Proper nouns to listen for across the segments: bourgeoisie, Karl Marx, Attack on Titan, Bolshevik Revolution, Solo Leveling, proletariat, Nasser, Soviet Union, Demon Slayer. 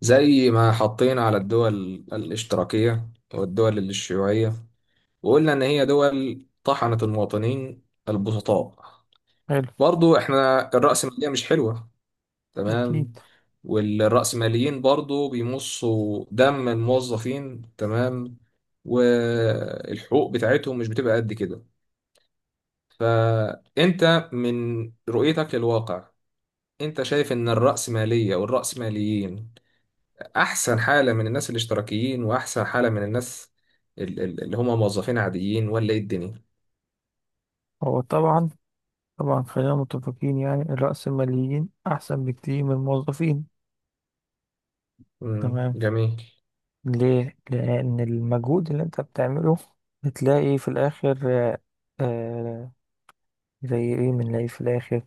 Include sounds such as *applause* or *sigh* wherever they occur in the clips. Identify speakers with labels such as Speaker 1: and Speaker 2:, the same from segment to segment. Speaker 1: زي ما حطينا على الدول الاشتراكية والدول الشيوعية، وقلنا إن هي دول طحنت المواطنين البسطاء.
Speaker 2: حلو.
Speaker 1: برضو إحنا الرأسمالية مش حلوة،
Speaker 2: أكيد.
Speaker 1: تمام، والرأسماليين برضو بيمصوا دم الموظفين، تمام، والحقوق بتاعتهم مش بتبقى قد كده. فأنت من رؤيتك للواقع، أنت شايف إن الرأسمالية والرأسماليين احسن حاله من الناس الاشتراكيين، واحسن حاله من الناس اللي هم موظفين عاديين، ولا ايه الدنيا؟
Speaker 2: هو طبعا. طبعا، خلينا متفقين يعني الرأسماليين أحسن بكتير من الموظفين.
Speaker 1: مم.
Speaker 2: تمام.
Speaker 1: جميل.
Speaker 2: ليه؟ لأن المجهود اللي أنت بتعمله بتلاقي في الآخر. آه. آه، زي إيه بنلاقي في الآخر،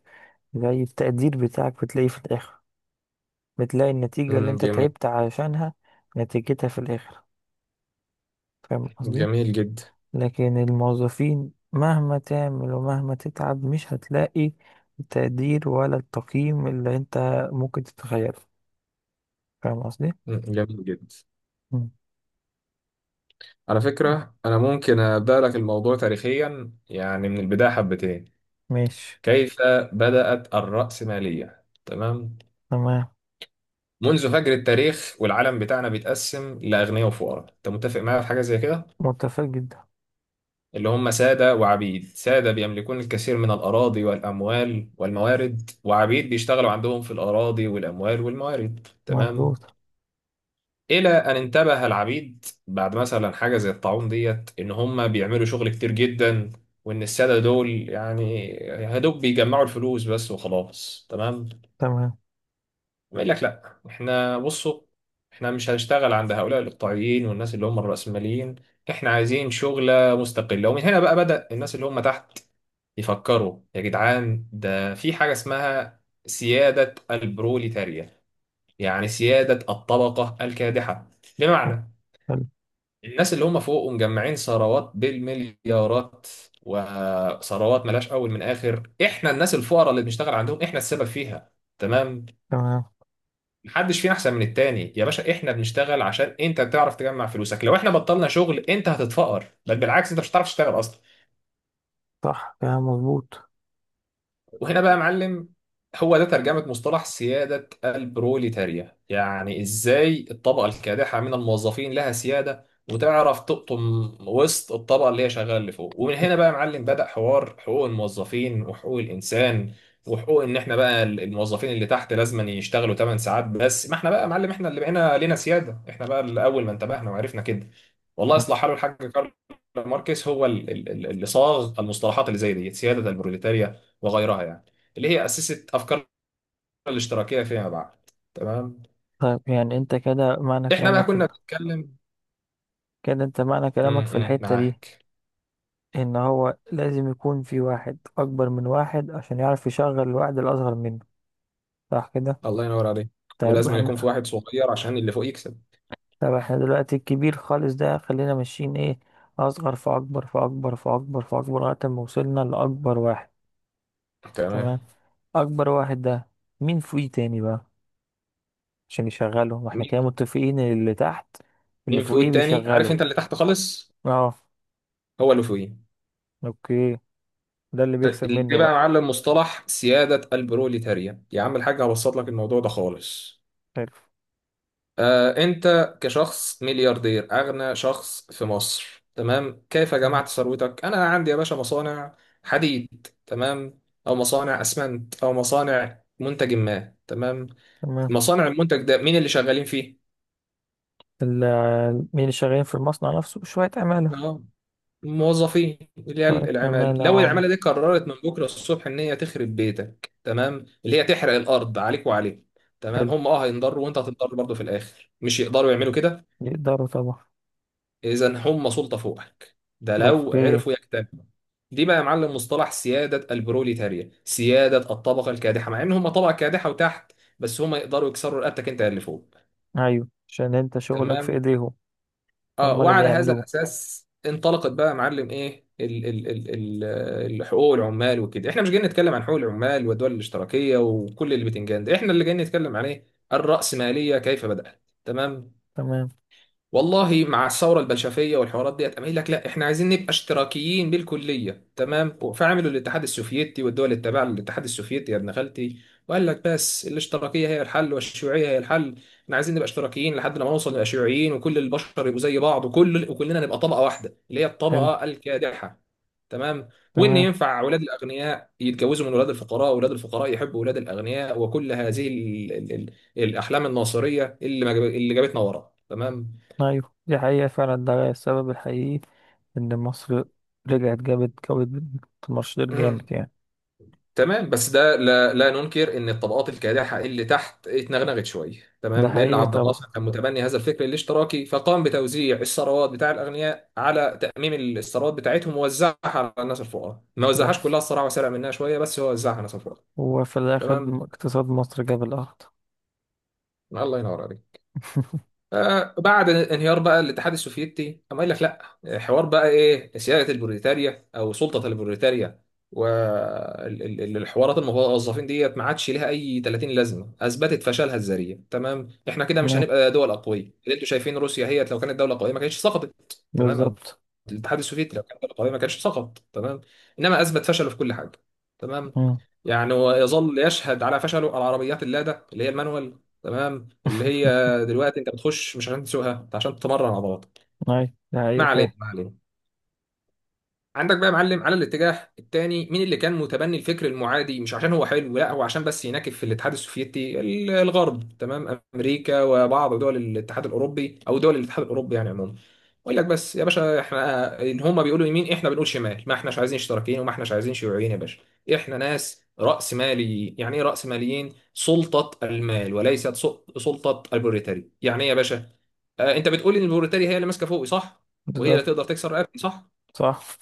Speaker 2: زي التقدير بتاعك بتلاقيه في الآخر، بتلاقي النتيجة اللي
Speaker 1: مم.
Speaker 2: أنت
Speaker 1: جميل.
Speaker 2: تعبت علشانها نتيجتها في الآخر. فاهم قصدي؟
Speaker 1: جميل جدا.
Speaker 2: لكن الموظفين مهما تعمل ومهما تتعب مش هتلاقي التقدير ولا التقييم اللي انت ممكن تتخيله. فاهم قصدي؟
Speaker 1: مم. جميل جدا.
Speaker 2: مم.
Speaker 1: على فكره انا ممكن ابدا لك الموضوع تاريخيا، يعني من البدايه حبتين.
Speaker 2: ماشي.
Speaker 1: كيف بدات الراسماليه؟ تمام.
Speaker 2: تمام.
Speaker 1: منذ فجر التاريخ والعالم بتاعنا بيتقسم لاغنياء وفقراء. انت متفق معايا في حاجه زي كده؟
Speaker 2: متفق جدا.
Speaker 1: اللي هم سادة وعبيد. سادة بيملكون الكثير من الأراضي والأموال والموارد، وعبيد بيشتغلوا عندهم في الأراضي والأموال والموارد، تمام.
Speaker 2: مظبوط.
Speaker 1: إلى أن انتبه العبيد بعد مثلا حاجة زي الطاعون ديت إن هم بيعملوا شغل كتير جدا، وإن السادة دول يعني يا دوب بيجمعوا الفلوس بس وخلاص، تمام.
Speaker 2: تمام.
Speaker 1: يقول لك لأ، إحنا بصوا، إحنا مش هنشتغل عند هؤلاء الإقطاعيين والناس اللي هم الرأسماليين. إحنا عايزين شغلة مستقلة. ومن هنا بقى بدأ الناس اللي هم تحت يفكروا: يا جدعان، ده في حاجة اسمها سيادة البروليتاريا، يعني سيادة الطبقة الكادحة. بمعنى،
Speaker 2: حلو.
Speaker 1: الناس اللي هم فوق ومجمعين ثروات بالمليارات، وثروات ملاش أول من آخر، إحنا الناس الفقراء اللي بنشتغل عندهم إحنا السبب فيها، تمام.
Speaker 2: تمام.
Speaker 1: محدش فينا أحسن من التاني يا باشا. إحنا بنشتغل عشان أنت بتعرف تجمع فلوسك. لو إحنا بطلنا شغل أنت هتتفقر، بل بالعكس، أنت مش هتعرف تشتغل أصلا.
Speaker 2: صح، كلام مظبوط.
Speaker 1: وهنا بقى يا معلم، هو ده ترجمة مصطلح سيادة البروليتاريا. يعني ازاي الطبقة الكادحة من الموظفين لها سيادة، وتعرف تقطم وسط الطبقة اللي هي شغالة اللي فوق. ومن هنا بقى يا معلم بدأ حوار حقوق الموظفين وحقوق الإنسان، وحقوق ان احنا بقى الموظفين اللي تحت لازم يشتغلوا 8 ساعات بس. ما احنا بقى يا معلم احنا اللي بقينا لنا سيادة، احنا بقى اللي اول ما انتبهنا وعرفنا كده. والله
Speaker 2: مم.
Speaker 1: يصلح حاله الحاج كارل ماركس هو اللي صاغ المصطلحات اللي زي دي، سيادة البروليتاريا وغيرها، يعني، اللي هي أسست أفكار الاشتراكية فيما بعد، تمام.
Speaker 2: طيب يعني انت كده معنى
Speaker 1: احنا بقى
Speaker 2: كلامك في،
Speaker 1: كنا بنتكلم.
Speaker 2: كده انت معنى كلامك في الحتة دي
Speaker 1: معاك.
Speaker 2: ان هو لازم يكون في واحد اكبر من واحد عشان يعرف يشغل الواحد الاصغر منه. صح كده؟
Speaker 1: الله ينور عليك.
Speaker 2: طيب
Speaker 1: ولازم يكون في
Speaker 2: احنا،
Speaker 1: واحد صغير عشان اللي فوق يكسب،
Speaker 2: طب احنا دلوقتي الكبير خالص ده خلينا ماشيين ايه، اصغر فاكبر فاكبر فاكبر فاكبر لغايه ما وصلنا لاكبر واحد.
Speaker 1: تمام.
Speaker 2: تمام. اكبر واحد ده مين فوقيه تاني بقى عشان يشغله؟ ما احنا
Speaker 1: مين؟
Speaker 2: كده متفقين إن اللي تحت اللي
Speaker 1: مين فوق
Speaker 2: فوقيه
Speaker 1: التاني؟ عارف،
Speaker 2: بيشغله.
Speaker 1: انت اللي تحت خالص
Speaker 2: اه.
Speaker 1: هو اللي فوقيه.
Speaker 2: اوكي. ده اللي بيكسب
Speaker 1: اللي
Speaker 2: منه
Speaker 1: بقى يا
Speaker 2: بقى.
Speaker 1: معلم مصطلح سيادة البروليتاريا. يا عم الحاج، هبسط لك الموضوع ده خالص.
Speaker 2: حلو.
Speaker 1: أنت كشخص ملياردير أغنى شخص في مصر، تمام، كيف جمعت
Speaker 2: تمام.
Speaker 1: ثروتك؟ أنا عندي يا باشا مصانع حديد، تمام، أو مصانع أسمنت، أو مصانع منتج ما، تمام.
Speaker 2: تمام.
Speaker 1: مصانع المنتج ده مين اللي شغالين فيه؟
Speaker 2: مين اللي شغالين في المصنع نفسه؟ شويه عماله.
Speaker 1: آه، موظفين، اللي هي
Speaker 2: شويه عماله
Speaker 1: العمال.
Speaker 2: يا
Speaker 1: لو
Speaker 2: عم.
Speaker 1: العمالة دي قررت من بكرة الصبح إن هي تخرب بيتك، تمام، اللي هي تحرق الأرض عليك وعليك، تمام،
Speaker 2: حلو.
Speaker 1: هم هينضروا وأنت هتنضر برضه في الآخر. مش يقدروا يعملوا كده
Speaker 2: يقدروا طبعا.
Speaker 1: إذا هم سلطة فوقك؟ ده لو
Speaker 2: اوكي.
Speaker 1: عرفوا يجتمعوا. دي بقى يا معلم مصطلح سيادة البروليتاريا، سيادة الطبقة الكادحة. مع إن هم طبقة كادحة وتحت، بس هم يقدروا يكسروا رقبتك أنت اللي فوق،
Speaker 2: ايوه، عشان انت شغلك في
Speaker 1: تمام.
Speaker 2: ايديهم،
Speaker 1: اه
Speaker 2: هما اللي
Speaker 1: وعلى هذا
Speaker 2: بيعملوه.
Speaker 1: الأساس انطلقت بقى يا معلم إيه ال ال ال ال حقوق العمال وكده. إحنا مش جايين نتكلم عن حقوق العمال والدول الاشتراكية وكل اللي بتنجان ده. إحنا اللي جايين نتكلم عليه الرأسمالية كيف بدأت، تمام.
Speaker 2: تمام.
Speaker 1: والله مع الثوره البلشفيه والحوارات ديت، قام قايل لك لا، احنا عايزين نبقى اشتراكيين بالكليه، تمام. فعملوا الاتحاد السوفيتي والدول اللي تابعه للاتحاد السوفيتي يا ابن خالتي، وقال لك بس الاشتراكيه هي الحل والشيوعيه هي الحل. احنا عايزين نبقى اشتراكيين لحد لما نوصل نبقى شيوعيين، وكل البشر يبقوا زي بعض، وكلنا نبقى طبقه واحده اللي هي
Speaker 2: حلو.
Speaker 1: الطبقه الكادحه، تمام. وان
Speaker 2: تمام.
Speaker 1: ينفع اولاد الاغنياء يتجوزوا من اولاد الفقراء، واولاد الفقراء يحبوا اولاد الاغنياء، وكل هذه ال ال ال الاحلام الناصريه، اللي ما جاب- اللي جابتنا ورا، تمام.
Speaker 2: ايوه، دي حقيقة فعلا، ده السبب الحقيقي ان مصر رجعت جابت مشروع
Speaker 1: مم.
Speaker 2: جامد يعني.
Speaker 1: تمام، بس ده لا، لا ننكر ان الطبقات الكادحه اللي تحت اتنغنغت شويه،
Speaker 2: ده
Speaker 1: تمام، لان
Speaker 2: حقيقي
Speaker 1: عبد
Speaker 2: طبعا،
Speaker 1: الناصر كان متبني هذا الفكر الاشتراكي، فقام بتوزيع الثروات بتاع الاغنياء، على تاميم الثروات بتاعتهم ووزعها على الناس الفقراء. ما وزعهاش كلها
Speaker 2: بس
Speaker 1: الصراحه، وسرق منها شويه، بس هو وزعها على الناس الفقراء،
Speaker 2: هو في الاخر
Speaker 1: تمام.
Speaker 2: اقتصاد مصر جاب الارض.
Speaker 1: الله ينور عليك.
Speaker 2: *laughs*
Speaker 1: بعد انهيار بقى الاتحاد السوفيتي، قام قايل لك لا، حوار بقى ايه سياده البروليتاريا او سلطه البروليتاريا والحوارات الموظفين ديت ما عادش ليها اي 30 لازمه. اثبتت فشلها الذريع، تمام. احنا كده مش
Speaker 2: تمام.
Speaker 1: هنبقى دول اقويه. اللي انتوا شايفين روسيا هي لو كانت دوله قويه ما كانتش سقطت، تمام. او
Speaker 2: بالظبط.
Speaker 1: الاتحاد السوفيتي لو كانت دوله قويه ما كانش سقط، تمام. انما اثبت فشله في كل حاجه، تمام.
Speaker 2: مم.
Speaker 1: يعني ويظل يشهد على فشله العربيات اللاده اللي هي المانوال، تمام، اللي هي
Speaker 2: *laughs*
Speaker 1: دلوقتي انت بتخش مش عشان تسوقها، انت عشان تمرن عضلاتك.
Speaker 2: ايوه ده
Speaker 1: ما
Speaker 2: حقيقي
Speaker 1: علينا،
Speaker 2: فعلا.
Speaker 1: ما علينا. عندك بقى يا معلم على الاتجاه الثاني مين اللي كان متبني الفكر المعادي؟ مش عشان هو حلو، لا، هو عشان بس يناكف في الاتحاد السوفيتي. الغرب، تمام، امريكا وبعض دول الاتحاد الاوروبي، او دول الاتحاد الاوروبي يعني عموما. يقول لك بس يا باشا احنا، ان هم بيقولوا يمين احنا بنقول شمال، ما احناش عايزين اشتراكيين وما احناش عايزين شيوعيين يا باشا. احنا ناس راس ماليين. يعني ايه راس ماليين؟ سلطه المال، وليست سلطه البروليتاري. يعني ايه يا باشا؟ انت بتقول ان البروتاري هي اللي ماسكه فوقي، صح؟ وهي اللي
Speaker 2: بالظبط.
Speaker 1: تقدر تكسر رقبتي، صح؟
Speaker 2: صح.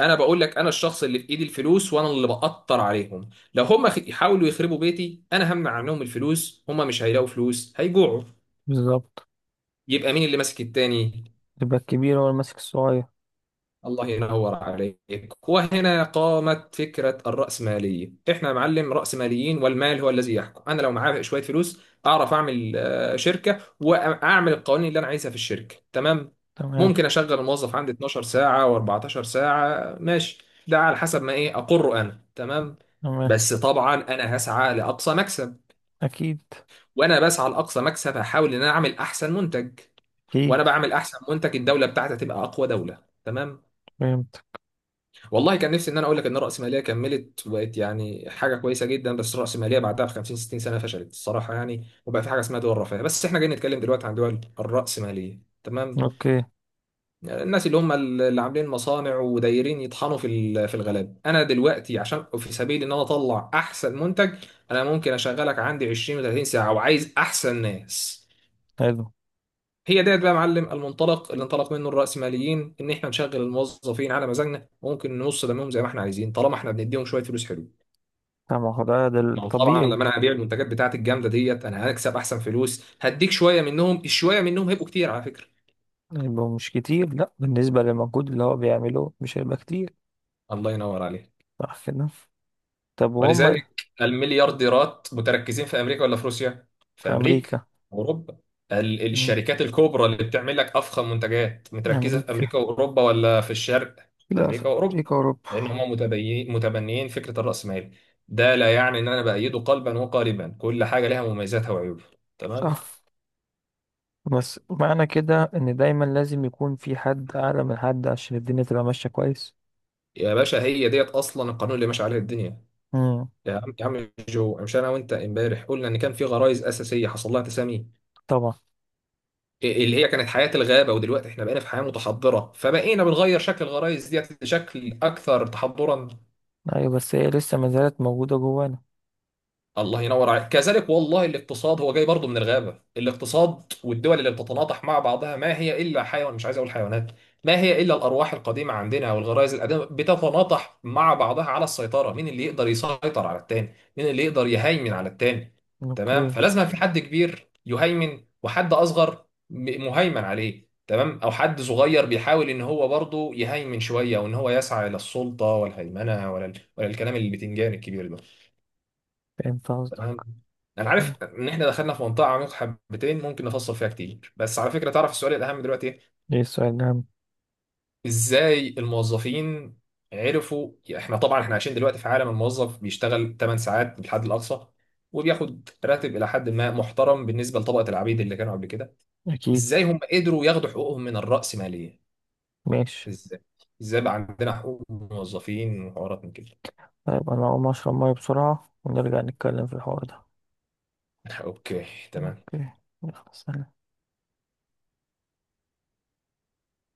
Speaker 1: انا بقول لك انا الشخص اللي في ايدي الفلوس، وانا اللي بقطر عليهم. لو هم يحاولوا يخربوا بيتي، انا همنع عنهم الفلوس، هم مش هيلاقوا فلوس، هيجوعوا.
Speaker 2: بالظبط.
Speaker 1: يبقى مين اللي ماسك التاني؟
Speaker 2: يبقى الكبير هو اللي ماسك الصغير.
Speaker 1: الله ينور عليك. وهنا قامت فكرة الرأسمالية. احنا يا معلم رأسماليين، والمال هو الذي يحكم. انا لو معايا شوية فلوس، اعرف اعمل شركة واعمل القوانين اللي انا عايزها في الشركة، تمام.
Speaker 2: تمام.
Speaker 1: ممكن اشغل الموظف عندي 12 ساعة و14 ساعة، ماشي، ده على حسب ما ايه اقره انا، تمام.
Speaker 2: تمام.
Speaker 1: بس طبعا انا هسعى لاقصى مكسب،
Speaker 2: اكيد.
Speaker 1: وانا بسعى لاقصى مكسب هحاول ان انا اعمل احسن منتج،
Speaker 2: اكيد.
Speaker 1: وانا بعمل احسن منتج الدولة بتاعتي تبقى اقوى دولة، تمام.
Speaker 2: فهمت.
Speaker 1: والله كان نفسي ان انا اقول لك ان الرأسمالية كملت وبقت يعني حاجة كويسة جدا، بس الرأسمالية بعدها ب 50 60 سنة فشلت الصراحة يعني، وبقى في حاجة اسمها دول رفاهية. بس احنا جايين نتكلم دلوقتي عن دول الرأسمالية، تمام.
Speaker 2: اوكي.
Speaker 1: الناس اللي هم اللي عاملين مصانع ودايرين يطحنوا في في الغلاب. انا دلوقتي عشان في سبيل ان انا اطلع احسن منتج، انا ممكن اشغلك عندي 20 و30 ساعة، وعايز احسن ناس.
Speaker 2: حلو.
Speaker 1: هي ديت بقى يا معلم المنطلق اللي انطلق منه الرأسماليين، ان احنا نشغل الموظفين على مزاجنا، وممكن ننص دمهم زي ما احنا عايزين، طالما احنا بنديهم شويه فلوس، حلو.
Speaker 2: طبعا ده
Speaker 1: لو طبعا
Speaker 2: الطبيعي.
Speaker 1: لما انا هبيع المنتجات بتاعتي الجامده ديت انا هكسب احسن فلوس، هديك شويه منهم. الشويه منهم هيبقوا كتير على فكره.
Speaker 2: يبقوا مش كتير، لا بالنسبة للمجهود اللي هو بيعمله مش هيبقى كتير.
Speaker 1: الله ينور عليك.
Speaker 2: صح كده. طب وهم
Speaker 1: ولذلك المليارديرات متركزين في امريكا ولا في روسيا؟
Speaker 2: في
Speaker 1: في امريكا
Speaker 2: أمريكا.
Speaker 1: واوروبا.
Speaker 2: مم.
Speaker 1: الشركات الكبرى اللي بتعمل لك افخم منتجات، متركزه في
Speaker 2: أمريكا.
Speaker 1: امريكا واوروبا ولا في الشرق؟ في
Speaker 2: لا في.
Speaker 1: امريكا واوروبا،
Speaker 2: أمريكا أوروبا.
Speaker 1: لان هم متبنيين فكره الراسمالي. ده لا يعني ان انا بايده قلبا وقالبا، كل حاجه لها مميزاتها وعيوبها، تمام.
Speaker 2: صح، بس معنى كده إن دايما لازم يكون في حد أعلى من حد عشان الدنيا تبقى ماشية كويس.
Speaker 1: يا باشا هي ديت اصلا القانون اللي ماشي عليه الدنيا.
Speaker 2: مم.
Speaker 1: يا عم يا عم جو، مش انا وانت امبارح قلنا ان كان في غرائز اساسيه حصل لها تسامي،
Speaker 2: طبعا.
Speaker 1: اللي هي كانت حياة الغابة؟ ودلوقتي احنا بقينا في حياة متحضرة، فبقينا بنغير شكل الغرايز ديت لشكل أكثر تحضرا.
Speaker 2: أيوة، بس هي لسه ما زالت موجودة جوانا.
Speaker 1: الله ينور عليك كذلك. والله الاقتصاد هو جاي برضه من الغابة. الاقتصاد والدول اللي بتتناطح مع بعضها ما هي إلا حيوان، مش عايز أقول حيوانات، ما هي إلا الأرواح القديمة عندنا والغرائز القديمة بتتناطح مع بعضها على السيطرة. مين اللي يقدر يسيطر على التاني؟ مين اللي يقدر يهيمن على التاني؟ تمام،
Speaker 2: أوكي.
Speaker 1: فلازم في حد كبير يهيمن وحد أصغر مهيمن عليه، تمام، أو حد صغير بيحاول إن هو برضه يهيمن شوية، وإن هو يسعى إلى السلطة والهيمنة، ولا الكلام البتنجان الكبير ده،
Speaker 2: فهمت قصدك.
Speaker 1: تمام. انا
Speaker 2: طبعا.
Speaker 1: عارف ان احنا دخلنا في منطقه عميقه حبتين، ممكن نفصل فيها كتير، بس على فكره تعرف السؤال الاهم دلوقتي ايه؟
Speaker 2: إيه السؤال ده؟
Speaker 1: ازاي الموظفين عرفوا؟ احنا طبعا احنا عايشين دلوقتي في عالم الموظف بيشتغل 8 ساعات بالحد الاقصى، وبياخد راتب الى حد ما محترم بالنسبه لطبقه العبيد اللي كانوا قبل كده.
Speaker 2: أكيد.
Speaker 1: ازاي هم قدروا ياخدوا حقوقهم من الرأسماليه؟
Speaker 2: ماشي.
Speaker 1: ازاي؟ ازاي بقى عندنا حقوق موظفين وحوارات من كده؟
Speaker 2: طيب أنا هقوم أشرب مية بسرعة ونرجع نتكلم في الحوار ده.
Speaker 1: *laughs* اوكي. تمام.
Speaker 2: أوكي. يلا سلام.